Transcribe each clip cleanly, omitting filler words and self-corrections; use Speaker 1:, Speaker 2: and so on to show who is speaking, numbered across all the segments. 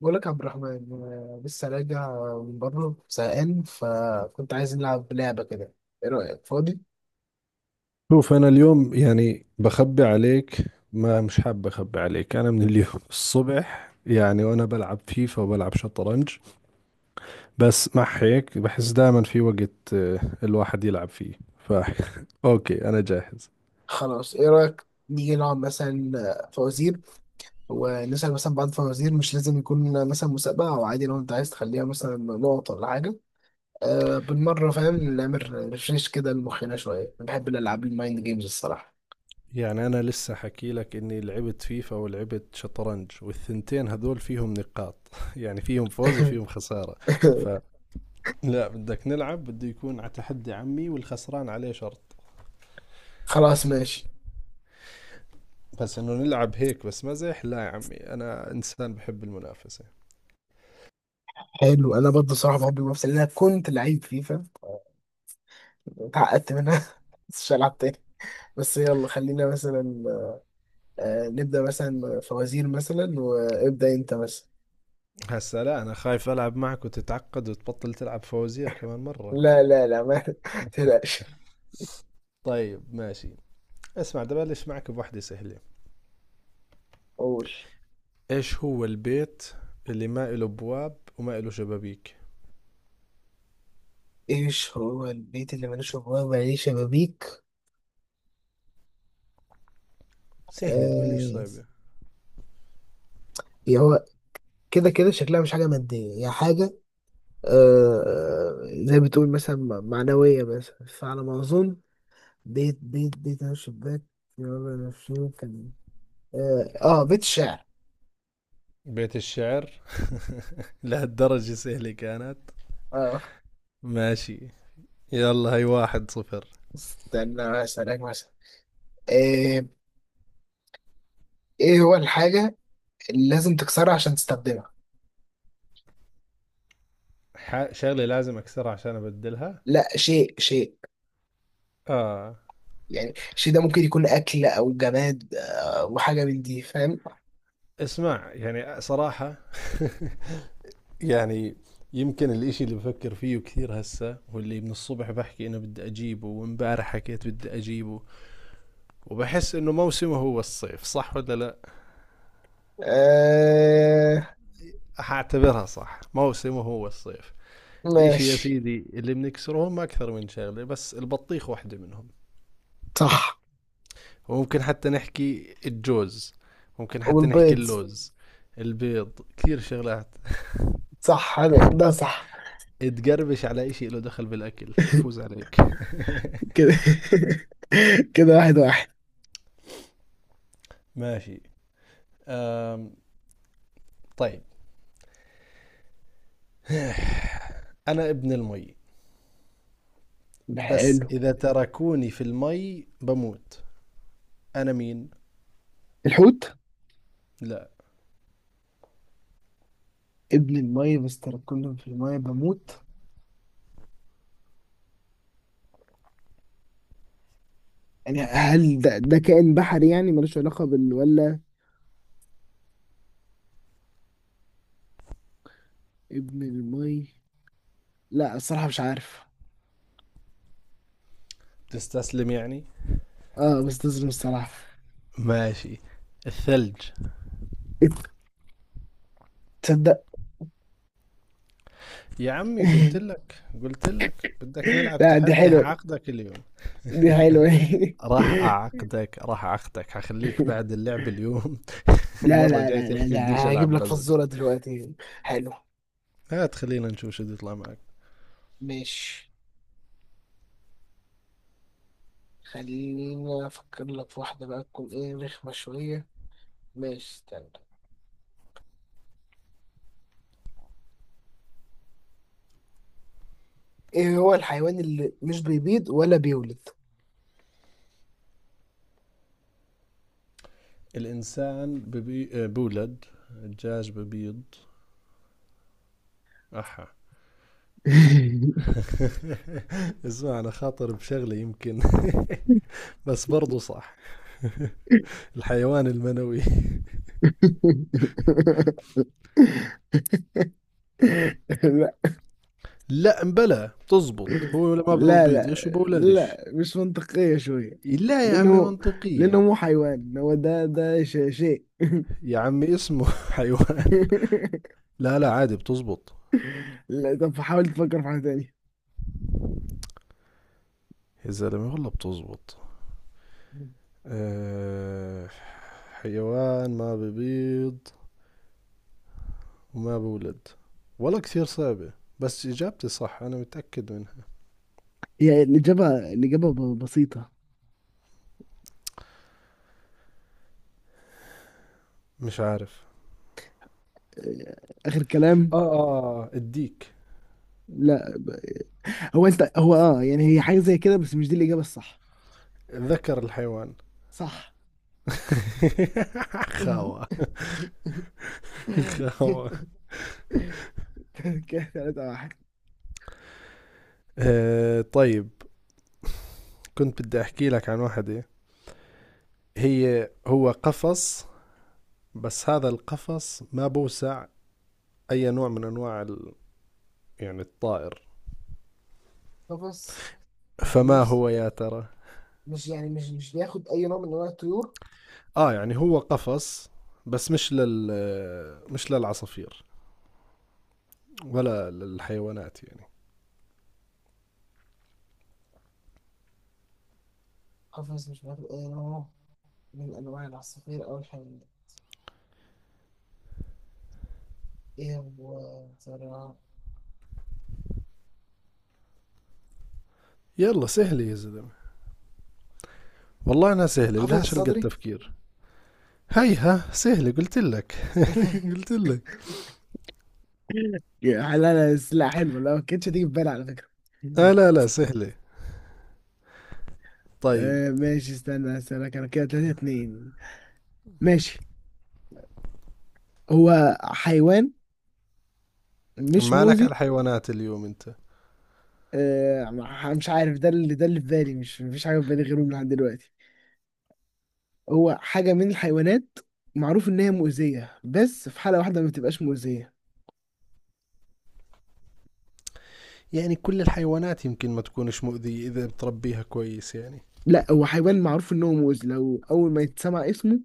Speaker 1: بقول لك يا عبد الرحمن، أنا لسه راجع من بره زهقان، فكنت عايز نلعب لعبة كده. ايه رأيك؟ فاضي؟
Speaker 2: شوف، أنا اليوم يعني بخبي عليك. ما مش حاب أخبي عليك. أنا من اليوم الصبح يعني وأنا بلعب فيفا وبلعب شطرنج. بس مع هيك بحس دائما في وقت الواحد يلعب فيه. ف أوكي، أنا جاهز.
Speaker 1: خلاص، ايه رأيك نيجي نلعب مثلا فوازير، ونسأل مثلا بعض الفوازير. مش لازم يكون مثلا مسابقة، او عادي لو انت عايز تخليها مثلا نقط ولا حاجة. أه بالمرة، فاهم؟ نعمل ريفريش كده لمخنا شوية. أنا بحب الألعاب، المايند جيمز، الصراحة.
Speaker 2: يعني أنا لسه حكي لك إني لعبت فيفا ولعبت شطرنج، والثنتين هذول فيهم نقاط. يعني فيهم فوز وفيهم خسارة. ف لا، بدك نلعب بده يكون على تحدي عمي، والخسران عليه شرط.
Speaker 1: خلاص ماشي.
Speaker 2: بس انه نلعب هيك بس مزح، لا يا عمي، انا انسان بحب المنافسه.
Speaker 1: حلو، انا برضه صراحة بحب المنافسة، لأن انا كنت لعيب فيفا، اتعقدت منها. بس مش هلعب تاني. بس يلا خلينا مثلا نبدأ مثلا فوازير. مثلا وابدأ انت مثلا.
Speaker 2: هسا لا، انا خايف العب معك وتتعقد وتبطل تلعب فوازير كمان مره.
Speaker 1: لا لا لا ما تقلقش.
Speaker 2: طيب ماشي. اسمع، بدي ابلش معك بوحده سهله.
Speaker 1: قول.
Speaker 2: ايش هو البيت اللي ما له بواب وما له شبابيك؟
Speaker 1: ايش هو البيت اللي ملوش ابواب ولا ليه شبابيك؟
Speaker 2: سهله، تقول ليش
Speaker 1: آه.
Speaker 2: صعبه؟
Speaker 1: هي هو كده كده. شكلها مش حاجة مادية، هي حاجة زي بتقول مثلا معنوية بس، فعلى ما أظن. بيت بيت بيت. أنا شباك. يلا نفسه كان إيه. آه، بيت الشعر.
Speaker 2: بيت الشعر. لهالدرجه سهله كانت؟
Speaker 1: آه.
Speaker 2: ماشي. يلا، هي 1-0.
Speaker 1: استنى أسألك مثلا. آه، إيه هو الحاجة اللي لازم تكسرها عشان تستخدمها؟
Speaker 2: شغله لازم اكسرها عشان ابدلها؟
Speaker 1: لا، شيء شيء.
Speaker 2: اه.
Speaker 1: يعني الشيء ده ممكن يكون أكل أو جماد وحاجة من دي، فاهم؟
Speaker 2: اسمع، يعني صراحه، يعني يمكن الاشي اللي بفكر فيه كثير هسه، واللي من الصبح بحكي انه بدي اجيبه، وامبارح حكيت بدي اجيبه، وبحس انه موسمه هو الصيف، صح ولا لا؟
Speaker 1: آه
Speaker 2: حاعتبرها صح، موسمه هو الصيف. الاشي يا
Speaker 1: ماشي.
Speaker 2: سيدي اللي بنكسره هم اكثر من شغلة، بس البطيخ واحدة منهم.
Speaker 1: صح.
Speaker 2: وممكن حتى نحكي الجوز، ممكن حتى نحكي
Speaker 1: والبيض.
Speaker 2: اللوز. البيض كثير شغلات.
Speaker 1: صح، حلو ده، صح.
Speaker 2: تقربش على اشي له دخل بالاكل، حفوز عليك.
Speaker 1: كده. كده واحد واحد.
Speaker 2: ماشي. أم طيب، انا ابن المي، بس
Speaker 1: حلو.
Speaker 2: إذا تركوني في المي بموت. أنا مين؟
Speaker 1: الحوت.
Speaker 2: لا.
Speaker 1: ابن المية، بستركلهم في المية بموت؟ يعني هل ده كائن بحري؟ يعني ملوش علاقة بال ولا؟ ابن المية. لا، الصراحة مش عارف.
Speaker 2: تستسلم يعني؟
Speaker 1: اه، بستظلم الصراحة.
Speaker 2: ماشي. الثلج.
Speaker 1: إيه، تصدق.
Speaker 2: يا عمي قلت لك، قلت لك بدك نلعب
Speaker 1: لا دي
Speaker 2: تحدي،
Speaker 1: حلوة،
Speaker 2: هعقدك اليوم.
Speaker 1: دي حلوة.
Speaker 2: راح أعقدك، راح أعقدك، هخليك بعد اللعب اليوم
Speaker 1: لا
Speaker 2: المرة
Speaker 1: لا
Speaker 2: الجاية
Speaker 1: لا لا
Speaker 2: تحكي بديش
Speaker 1: لا، هجيب
Speaker 2: ألعب
Speaker 1: لك
Speaker 2: بازل.
Speaker 1: فزورة دلوقتي. حلو.
Speaker 2: هات، خلينا نشوف شو بده يطلع معك.
Speaker 1: ماشي، خلينا أفكر لك في واحدة بقى تكون إيه، رخمة شوية. ماشي استنى. إيه هو الحيوان اللي مش بيبيض ولا بيولد؟
Speaker 2: الإنسان ببي... آه، بولد. الدجاج ببيض. أحا. اسمع، أنا خاطر بشغلة يمكن بس برضه صح. الحيوان المنوي. لا مبلا بتزبط، هو ما
Speaker 1: لا لا
Speaker 2: بيبيضش
Speaker 1: لا،
Speaker 2: وبولدش.
Speaker 1: لا مش منطقية شوية.
Speaker 2: لا يا عمي
Speaker 1: لأنه، لأنه
Speaker 2: منطقية.
Speaker 1: مو حيوان، هو ده شيء.
Speaker 2: يا عمي اسمه حيوان. لا لا، عادي بتزبط.
Speaker 1: لا، طب حاول تفكر في حاجة تانية.
Speaker 2: يا زلمة والله بتزبط. أه، حيوان ما ببيض وما بولد. والله كثير صعبة، بس إجابتي صح أنا متأكد منها.
Speaker 1: هي الإجابة، الإجابة بسيطة.
Speaker 2: مش عارف.
Speaker 1: آه، آخر كلام.
Speaker 2: آه آه، الديك.
Speaker 1: لا ب- هو أنت هو أه يعني، هي حاجة زي كده، بس مش دي الإجابة الصح.
Speaker 2: ذكر الحيوان.
Speaker 1: صح.
Speaker 2: خاوة. خاوة.
Speaker 1: كده تلاتة واحد.
Speaker 2: آه طيب، كنت بدي احكي لك عن واحدة. هي هو قفص، بس هذا القفص ما بوسع اي نوع من انواع ال... يعني الطائر.
Speaker 1: قفص مش
Speaker 2: فما
Speaker 1: بيوس.
Speaker 2: هو يا ترى؟
Speaker 1: مش يعني مش مش بياخد أي نوع من أنواع الطيور.
Speaker 2: اه يعني هو قفص، بس مش للعصافير ولا للحيوانات يعني.
Speaker 1: قفص مش بياخد أي نوع من أنواع العصافير أو الحيوانات. إيه هو يا ترى؟
Speaker 2: يلا سهلة يا زلمة، والله انها سهلة
Speaker 1: القفص
Speaker 2: بدهاش القى
Speaker 1: الصدري.
Speaker 2: التفكير. هيها سهلة قلت لك. قلت لك.
Speaker 1: يعني لا لا، بس لا حلو، لا، ما كانتش هتيجي في بالي على فكرة.
Speaker 2: اه لا لا، سهلة. طيب.
Speaker 1: آه ماشي، استنى هسألك انا، كده تلاتة اتنين. ماشي. هو حيوان مش
Speaker 2: مالك
Speaker 1: موزي.
Speaker 2: على الحيوانات اليوم انت؟
Speaker 1: مش عارف، ده اللي، ده اللي في بالي، مش مفيش حاجة في بالي غيره لحد دلوقتي. هو حاجة من الحيوانات، معروف ان هي مؤذية، بس في حالة واحدة ما بتبقاش مؤذية.
Speaker 2: يعني كل الحيوانات يمكن ما تكونش مؤذية إذا بتربيها كويس يعني.
Speaker 1: لا، هو حيوان معروف ان هو مؤذي، لو اول ما يتسمع اسمه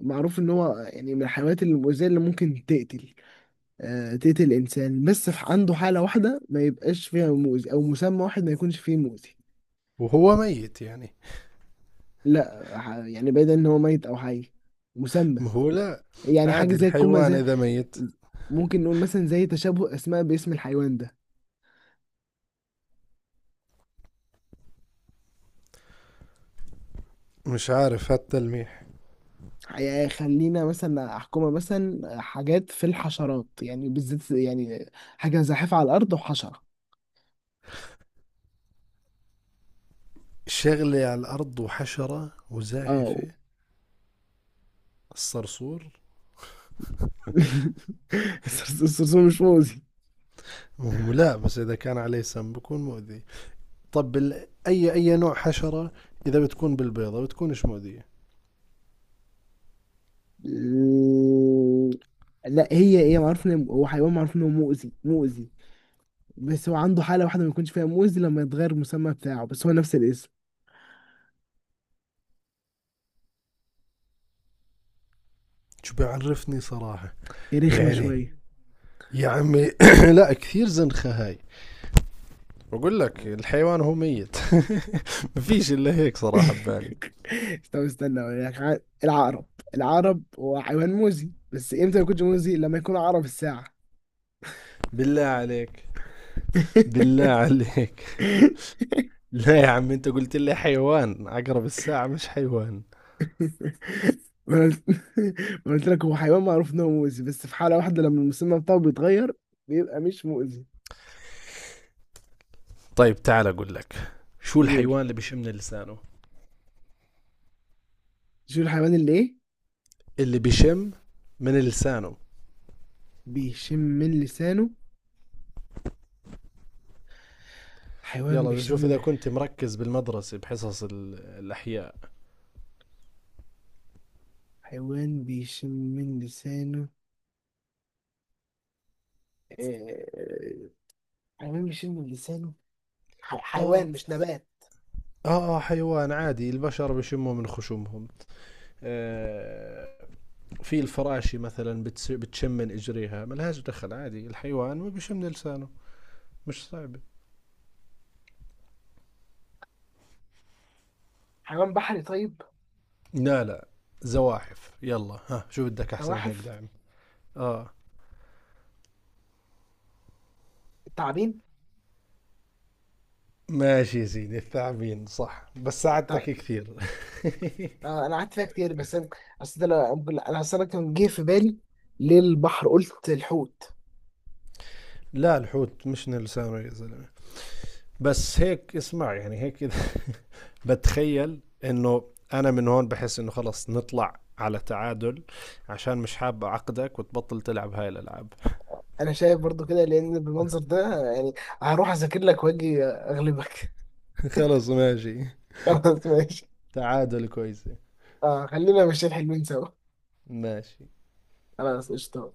Speaker 1: معروف ان هو يعني من الحيوانات المؤذية اللي ممكن تقتل، تقتل الإنسان. بس عنده حالة واحدة ما يبقاش فيها مؤذي، أو مسمى واحد ما يكونش فيه مؤذي.
Speaker 2: وهو ميت يعني؟
Speaker 1: لا ح- يعني بعيدا إن هو ميت أو حي، مسمى.
Speaker 2: ما هو لا،
Speaker 1: يعني حاجة
Speaker 2: عادي
Speaker 1: زي الكوما،
Speaker 2: الحيوان
Speaker 1: زي.
Speaker 2: إذا ميت.
Speaker 1: ممكن نقول مثلا زي تشابه أسماء باسم الحيوان ده.
Speaker 2: مش عارف هالتلميح.
Speaker 1: يعني خلينا مثلا أحكمها مثلا، حاجات في الحشرات يعني، بالذات يعني، حاجة زاحفة على الأرض وحشرة.
Speaker 2: شغلة على الأرض وحشرة
Speaker 1: اه.
Speaker 2: وزاحفة؟ الصرصور.
Speaker 1: الصرصور؟ الصرصور مش مؤذي.
Speaker 2: ما هو لا، بس إذا كان عليه سم بكون مؤذي. طب أي أي نوع حشرة إذا بتكون بالبيضة بتكونش مؤذية.
Speaker 1: لا هي هي، معروف ان هو حيوان، معروف انه مؤذي. بس هو عنده حالة واحدة ما يكونش فيها موز، لما يتغير المسمى بتاعه، بس هو نفس الاسم.
Speaker 2: شو بيعرفني صراحة؟
Speaker 1: هي رخمة
Speaker 2: يعني
Speaker 1: شوية.
Speaker 2: يا عمي، لا كثير زنخة هاي. بقول لك الحيوان هو ميت. مفيش الا هيك صراحة ببالي.
Speaker 1: طب استنى اقول لك العقرب. العقرب هو حيوان موزي، بس امتى ما يكونش موزي؟ لما يكون عقرب الساعة.
Speaker 2: بالله عليك. بالله عليك. لا يا عم، انت قلت لي حيوان، عقرب الساعة مش حيوان.
Speaker 1: ما أنا قلت، ما أنا قلت لك هو حيوان معروف ان هو مؤذي، بس في حالة واحدة لما المسمى بتاعه بيتغير بيبقى مش مؤذي.
Speaker 2: طيب تعال اقول لك، شو
Speaker 1: قول.
Speaker 2: الحيوان اللي بيشم من لسانه؟
Speaker 1: شو الحيوان اللي ايه،
Speaker 2: اللي بيشم من لسانه.
Speaker 1: بيشم من لسانه؟ حيوان
Speaker 2: يلا، بدي اشوف
Speaker 1: بيشم،
Speaker 2: اذا كنت مركز بالمدرسة بحصص الاحياء.
Speaker 1: حيوان بيشم من لسانه. آه، حيوان بيشم من لسانه.
Speaker 2: اه
Speaker 1: حيوان مش نبات.
Speaker 2: اه اه، حيوان. عادي البشر بيشموا من خشومهم. آه، في الفراشي مثلا بتشم من اجريها، ملهاش دخل. عادي، الحيوان ما بيشم لسانه. مش صعبه.
Speaker 1: حيوان بحري طيب؟
Speaker 2: لا لا. زواحف، يلا ها شو بدك احسن من هيك
Speaker 1: نواحف.
Speaker 2: دعم. اه.
Speaker 1: التعابين.
Speaker 2: ماشي يا سيدي، الثعابين صح، بس ساعدتك
Speaker 1: تع-
Speaker 2: كثير.
Speaker 1: آه، انا قعدت فيها كتير، بس انا اصل ده انا اصل انا كان جه في بالي للبحر، قلت الحوت.
Speaker 2: لا الحوت مش لسانه يا زلمه. بس هيك اسمع، يعني هيك إذا بتخيل انه انا من هون بحس انه خلص نطلع على تعادل، عشان مش حاب اعقدك وتبطل تلعب هاي الالعاب.
Speaker 1: انا شايف برضو كده، لان بالمنظر ده يعني هروح اذاكر لك واجي اغلبك.
Speaker 2: خلص ماشي.
Speaker 1: خلاص ماشي.
Speaker 2: تعادل كويسة.
Speaker 1: اه خلينا ماشيين حلوين سوا.
Speaker 2: ماشي.
Speaker 1: خلاص قشطة.